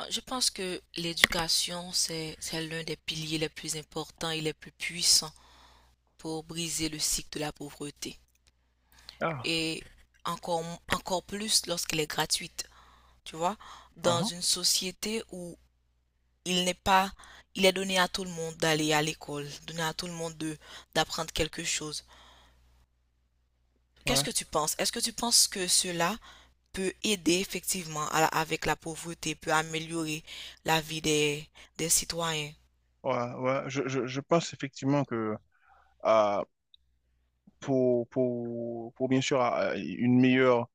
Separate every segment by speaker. Speaker 1: Je pense que l'éducation, c'est l'un des piliers les plus importants et les plus puissants pour briser le cycle de la pauvreté.
Speaker 2: Ah,
Speaker 1: Et encore, encore plus lorsqu'elle est gratuite, tu vois, dans
Speaker 2: hein,
Speaker 1: une société où il n'est pas, il est donné à tout le monde d'aller à l'école, donné à tout le monde d'apprendre quelque chose. Qu'est-ce
Speaker 2: ouais,
Speaker 1: que tu penses? Est-ce que tu penses que cela peut aider effectivement avec la pauvreté, peut améliorer la vie des citoyens?
Speaker 2: ouais, ouais. Je pense effectivement que euh, pour bien sûr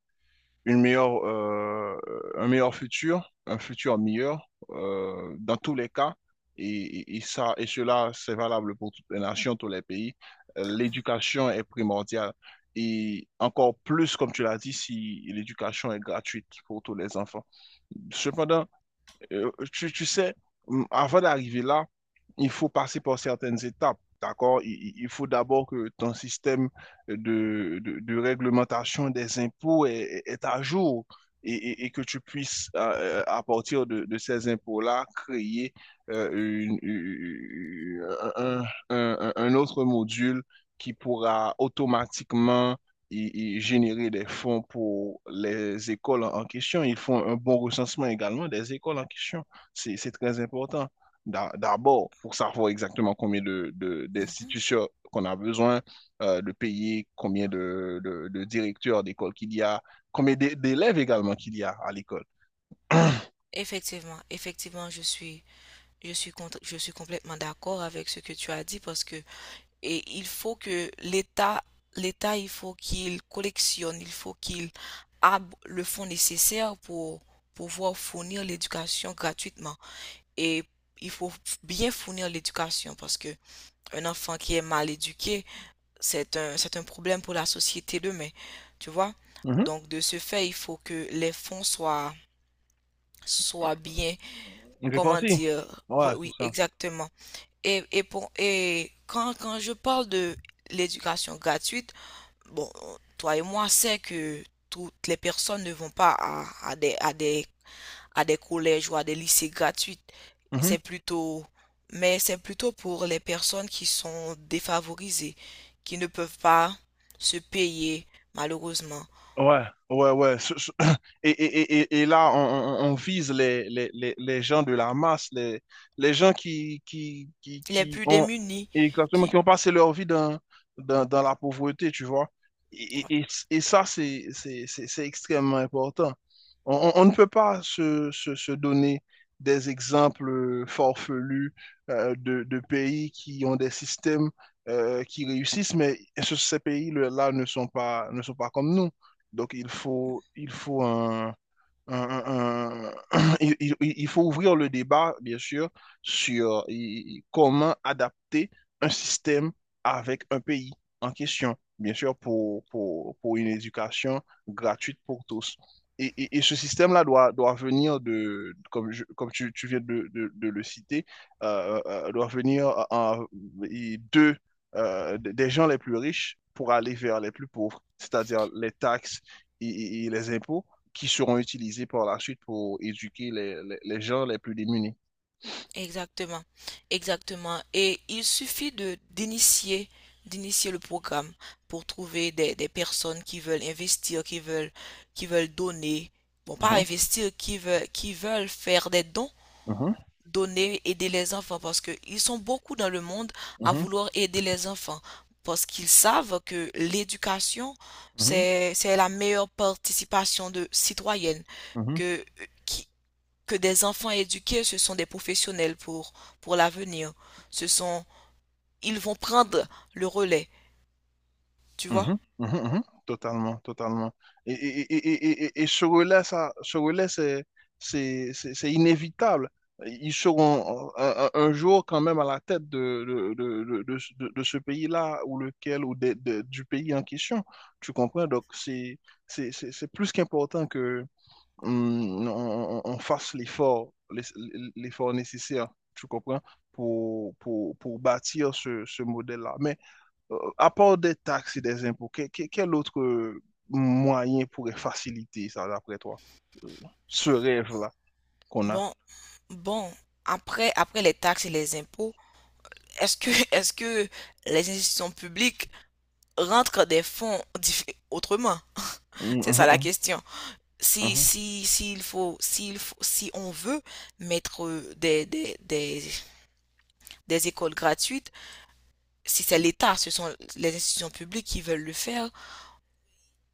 Speaker 2: une meilleure, euh, un meilleur futur, un futur meilleur dans tous les cas, et, et cela, c'est valable pour toutes les nations, tous les pays, l'éducation est primordiale. Et encore plus, comme tu l'as dit, si l'éducation est gratuite pour tous les enfants. Cependant, tu sais, avant d'arriver là, il faut passer par certaines étapes, d'accord? Il faut d'abord que ton système de réglementation des impôts est à jour et que tu puisses, à partir de ces impôts-là, créer euh, une- une- un, un autre module qui pourra automatiquement et générer des fonds pour les écoles en, en question. Ils font un bon recensement également des écoles en question. C'est très important. D'abord, pour savoir exactement combien
Speaker 1: Mhm.
Speaker 2: d'institutions qu'on a besoin de payer, combien de directeurs d'école qu'il y a, d'élèves également qu'il y a à l'école.
Speaker 1: Effectivement, effectivement, je suis complètement d'accord avec ce que tu as dit parce que et il faut que l'État, l'État, il faut qu'il collectionne, il faut qu'il a le fonds nécessaire pour pouvoir fournir l'éducation gratuitement. Et il faut bien fournir l'éducation parce que un enfant qui est mal éduqué, c'est un problème pour la société demain, tu vois.
Speaker 2: Mhm.
Speaker 1: Donc, de ce fait, il faut que les fonds soient bien,
Speaker 2: On est
Speaker 1: comment
Speaker 2: parti.
Speaker 1: dire, oui,
Speaker 2: Ouais, c'est
Speaker 1: oui,
Speaker 2: ça.
Speaker 1: exactement. Et quand je parle de l'éducation gratuite, bon, toi et moi, c'est que toutes les personnes ne vont pas à des à des collèges ou à des lycées gratuits.
Speaker 2: Mhm.
Speaker 1: C'est plutôt, mais c'est plutôt pour les personnes qui sont défavorisées, qui ne peuvent pas se payer, malheureusement.
Speaker 2: Ouais, ouais, ouais. Et là, on vise les gens de la masse, les gens qui, qui, qui,
Speaker 1: Les
Speaker 2: qui
Speaker 1: plus
Speaker 2: ont
Speaker 1: démunis
Speaker 2: exactement,
Speaker 1: qui,
Speaker 2: qui ont passé leur vie dans la pauvreté, tu vois. Et ça, C'est extrêmement important. On ne peut pas se donner des exemples forfelus de pays qui ont des systèmes qui réussissent, mais ces pays-là ne sont pas, ne sont pas comme nous. Donc, il faut un- un- il faut ouvrir le débat, bien sûr, sur comment adapter un système avec un pays en question, bien sûr, pour une éducation gratuite pour tous. Et ce système-là doit venir de, comme, comme tu viens de le citer, doit venir et de, des gens les plus riches pour aller vers les plus pauvres, c'est-à-dire les taxes et les impôts qui seront utilisés par la suite pour éduquer les gens les plus démunis.
Speaker 1: exactement, exactement. Et il suffit de d'initier le programme pour trouver des personnes qui veulent investir, qui veulent donner. Bon, pas
Speaker 2: Mhm,
Speaker 1: investir, qui veulent faire des dons
Speaker 2: mhm,
Speaker 1: donner, aider les enfants parce que ils sont beaucoup dans le monde à
Speaker 2: mhm,
Speaker 1: vouloir aider les enfants parce qu'ils savent que l'éducation,
Speaker 2: mhm,
Speaker 1: c'est la meilleure participation de citoyenne
Speaker 2: mhm,
Speaker 1: que, qui- que des enfants éduqués, ce sont des professionnels pour l'avenir. Ce sont, ils vont prendre le relais, tu vois?
Speaker 2: mhm. Totalement, totalement. Et ce relais, ça, ce relais, c'est inévitable. Ils seront un jour quand même à la tête de ce pays-là ou lequel ou du pays en question. Tu comprends? Donc, c'est c'est plus qu'important on fasse l'effort, l'effort nécessaire, tu comprends, pour bâtir ce, ce modèle-là. Mais à part des taxes et des impôts, quel autre moyen pourrait faciliter ça, d'après toi, ce rêve-là qu'on a?
Speaker 1: Bon, bon, après, après les taxes et les impôts, est-ce que les institutions publiques rentrent des fonds autrement?
Speaker 2: Mhm,
Speaker 1: C'est ça la
Speaker 2: mhm,
Speaker 1: question. Si,
Speaker 2: mhm,
Speaker 1: si, s'il faut, si on veut mettre des écoles gratuites, si c'est l'État, ce sont les institutions publiques qui veulent le faire,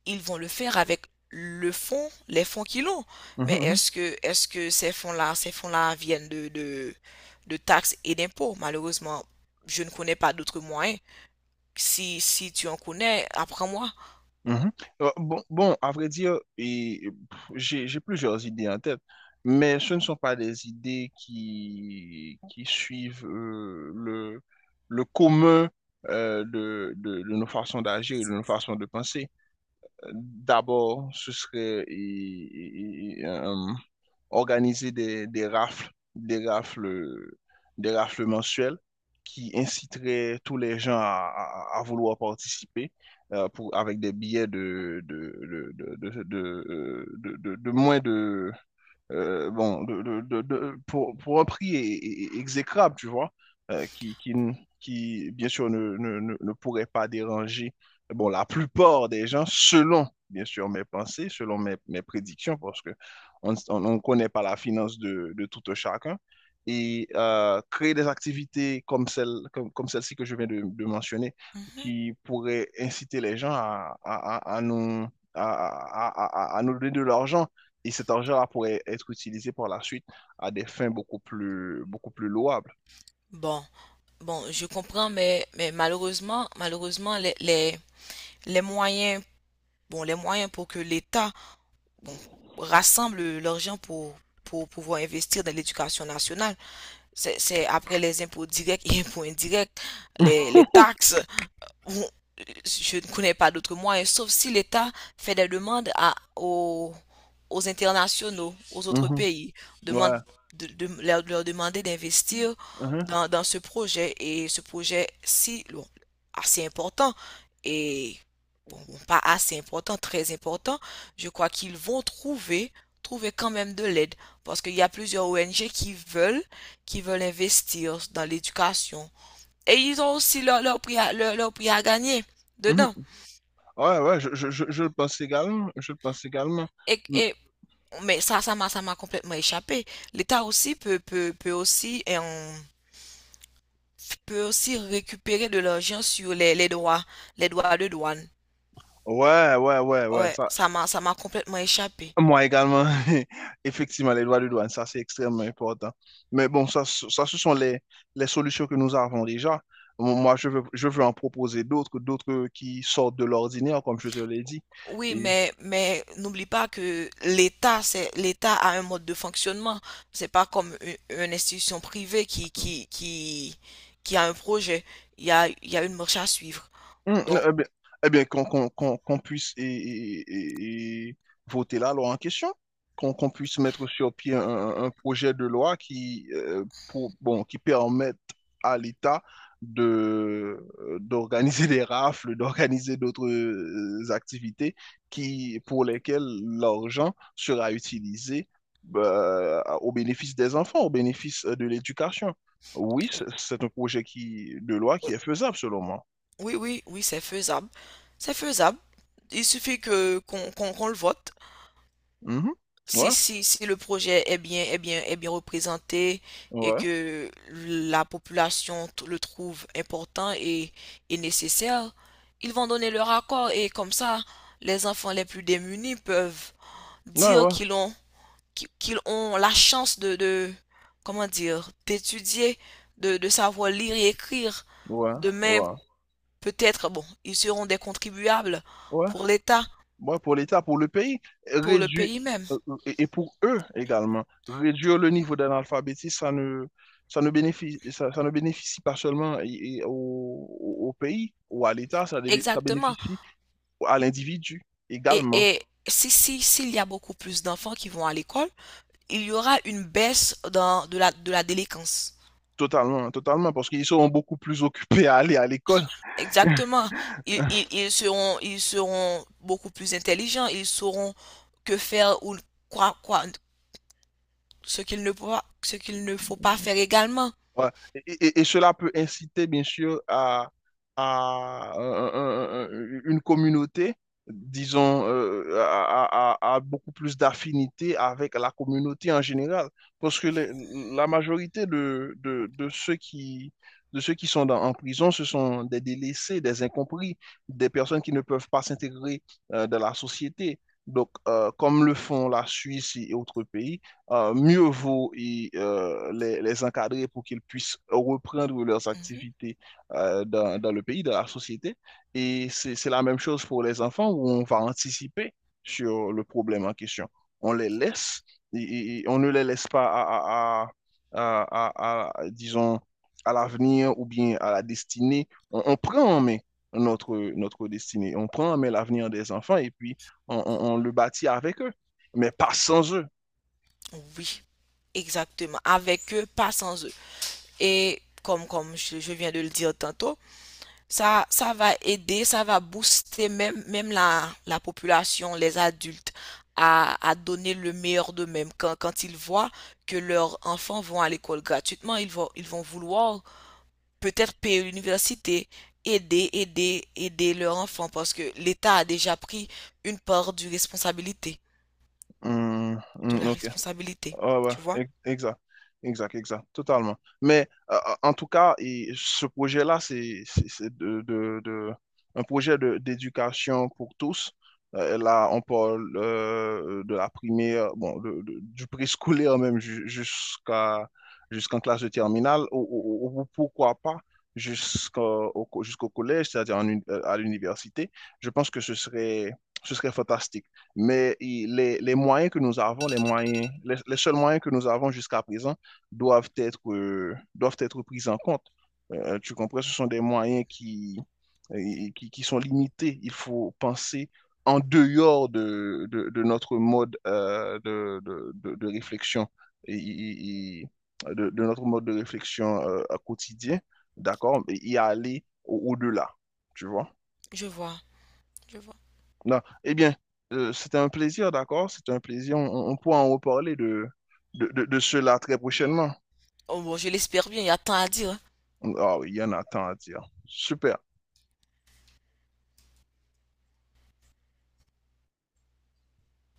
Speaker 1: ils vont le faire avec le fonds, les fonds qu'ils ont.
Speaker 2: mhm,
Speaker 1: Mais
Speaker 2: mhm,
Speaker 1: est-ce que ces fonds-là viennent de taxes et d'impôts? Malheureusement, je ne connais pas d'autres moyens. Si tu en connais, apprends-moi.
Speaker 2: Mhm. Bon, à vrai dire, j'ai plusieurs idées en tête, mais ce ne sont pas des idées qui suivent le commun de nos façons d'agir et de nos façons de penser. D'abord, ce serait organiser des rafles, des rafles mensuelles qui inciteraient tous les gens à, à vouloir participer avec des billets de moins de, pour un prix exécrable, tu vois, euh, qui, qui, n- bien sûr, ne pourrait pas déranger, bon, la plupart des gens, selon, bien sûr, mes pensées, selon mes prédictions, parce que on ne connaît pas la finance de tout un chacun. Et créer des activités comme comme celle-ci que je viens de mentionner,
Speaker 1: Mhm.
Speaker 2: qui pourraient inciter les gens à nous donner de l'argent et cet argent-là pourrait être utilisé par la suite à des fins beaucoup plus louables.
Speaker 1: Bon, bon, je comprends, mais malheureusement, malheureusement, les moyens, bon, les moyens pour que l'État, bon, rassemble l'argent pour pouvoir investir dans l'éducation nationale. C'est, après les impôts directs et impôts indirects,
Speaker 2: Mhm.
Speaker 1: les taxes, je ne connais pas d'autres moyens, sauf si l'État fait des demandes aux, aux internationaux, aux autres
Speaker 2: mhm.
Speaker 1: pays, demande
Speaker 2: Ouais,
Speaker 1: leur demander d'investir
Speaker 2: mhm,
Speaker 1: dans ce projet et ce projet si assez important et bon, bon, pas assez important, très important, je crois qu'ils vont trouver trouver quand même de l'aide parce qu'il y a plusieurs ONG qui veulent investir dans l'éducation, et ils ont aussi prix, leur prix à gagner
Speaker 2: mhm.
Speaker 1: dedans.
Speaker 2: Ouais, je le pense également, je le pense également.
Speaker 1: Et,
Speaker 2: Mm.
Speaker 1: et, mais ça, ça m'a complètement échappé. L'État aussi peut aussi, et on peut aussi récupérer de l'argent sur les droits de douane.
Speaker 2: Ouais,
Speaker 1: Ouais,
Speaker 2: ça,
Speaker 1: ça m'a complètement échappé.
Speaker 2: moi également, effectivement, les droits de douane, ça c'est extrêmement important. Mais bon, ça, ça ce sont les solutions que nous avons déjà. Moi, je veux en proposer d'autres, d'autres qui sortent de l'ordinaire, comme je te l'ai dit.
Speaker 1: Oui, mais n'oublie pas que l'État, c'est, l'État a un mode de fonctionnement. C'est pas comme une institution privée qui a un projet. Il y a une marche à suivre.
Speaker 2: Mm,
Speaker 1: Donc,
Speaker 2: eh bien, eh bien, qu'on puisse voter la loi en question, qu'on puisse mettre sur pied un projet de loi qui, qui permette à l'État de, d'organiser des rafles, d'organiser d'autres activités qui, pour lesquelles l'argent sera utilisé bah, au bénéfice des enfants, au bénéfice de l'éducation. Oui, c'est un projet qui, de loi qui est faisable selon moi.
Speaker 1: oui, oui, oui, c'est faisable. C'est faisable. Il suffit que qu'on le vote.
Speaker 2: Mhm. Ouais,
Speaker 1: Si le projet est bien, est bien, est bien représenté et
Speaker 2: ouais,
Speaker 1: que la population le trouve important et nécessaire, ils vont donner leur accord et comme ça, les enfants les plus démunis peuvent
Speaker 2: ouais,
Speaker 1: dire
Speaker 2: ouais,
Speaker 1: qu'ils ont, qu'ils ont la chance comment dire, d'étudier, de savoir lire et écrire.
Speaker 2: ouais,
Speaker 1: Demain,
Speaker 2: ouais,
Speaker 1: peut-être, bon, ils seront des contribuables
Speaker 2: ouais.
Speaker 1: pour l'État,
Speaker 2: Ouais, pour l'État, pour le pays,
Speaker 1: pour le
Speaker 2: réduire,
Speaker 1: pays même.
Speaker 2: et pour eux également, réduire le niveau d'analphabétisme, ça ne bénéficie, ça ne bénéficie pas seulement et au, au pays ou à l'État, ça, ça
Speaker 1: Exactement.
Speaker 2: bénéficie à l'individu
Speaker 1: Et,
Speaker 2: également,
Speaker 1: si, s'il y a beaucoup plus d'enfants qui vont à l'école, il y aura une baisse de la délinquance.
Speaker 2: totalement, totalement, parce qu'ils seront beaucoup plus occupés à aller à l'école.
Speaker 1: Exactement. Ils seront beaucoup plus intelligents. Ils sauront que faire ou quoi, quoi, ce qu'il ne faut pas faire également.
Speaker 2: Ouais. Et cela peut inciter, bien sûr, à, une communauté, disons, à beaucoup plus d'affinité avec la communauté en général. Parce que les- la majorité de ceux qui sont en prison, ce sont des délaissés, des incompris, des personnes qui ne peuvent pas s'intégrer dans la société. Donc, comme le font la Suisse et autres pays, mieux vaut y, les encadrer pour qu'ils puissent reprendre leurs
Speaker 1: Mhm.
Speaker 2: activités dans le pays, dans la société. Et c'est la même chose pour les enfants où on va anticiper sur le problème en question. On les laisse on ne les laisse pas disons, à l'avenir ou bien à la destinée. On prend en main notre destinée. On prend en main l'avenir des enfants et puis on le bâtit avec eux, mais pas sans eux.
Speaker 1: Oui, exactement. Avec eux, pas sans eux. Et comme je viens de le dire tantôt, ça va aider, ça va booster même, même la population, les adultes, à donner le meilleur d'eux-mêmes. Quand ils voient que leurs enfants vont à l'école gratuitement, ils vont vouloir peut-être payer l'université, aider leurs enfants, parce que l'État a déjà pris une part du responsabilité, de la
Speaker 2: Ok.
Speaker 1: responsabilité.
Speaker 2: Ah ouais,
Speaker 1: Tu vois?
Speaker 2: exact. Exact, exact, totalement. Mais en tout cas, et ce projet-là, c'est un projet d'éducation pour tous. Là, on parle de la primaire, bon, du préscolaire même jusqu'à jusqu'en classe de terminale, ou, ou pourquoi pas jusqu'au collège, c'est-à-dire en à l'université. Je pense que ce serait fantastique. Mais les moyens que nous avons, les moyens, les seuls moyens que nous avons jusqu'à présent doivent être pris en compte. Tu comprends? Ce sont des moyens qui, qui sont limités. Il faut penser en dehors de notre mode de réflexion et, et- et- de notre mode de réflexion quotidien, d'accord? Et y aller au-delà, tu vois?
Speaker 1: Je vois, je vois.
Speaker 2: Non. Eh bien, c'était un plaisir, d'accord? C'était un plaisir. On pourra en reparler de cela très prochainement.
Speaker 1: Oh, bon, je l'espère bien, il y a tant à dire. Hein.
Speaker 2: Ah oui, il y en a tant à dire. Super.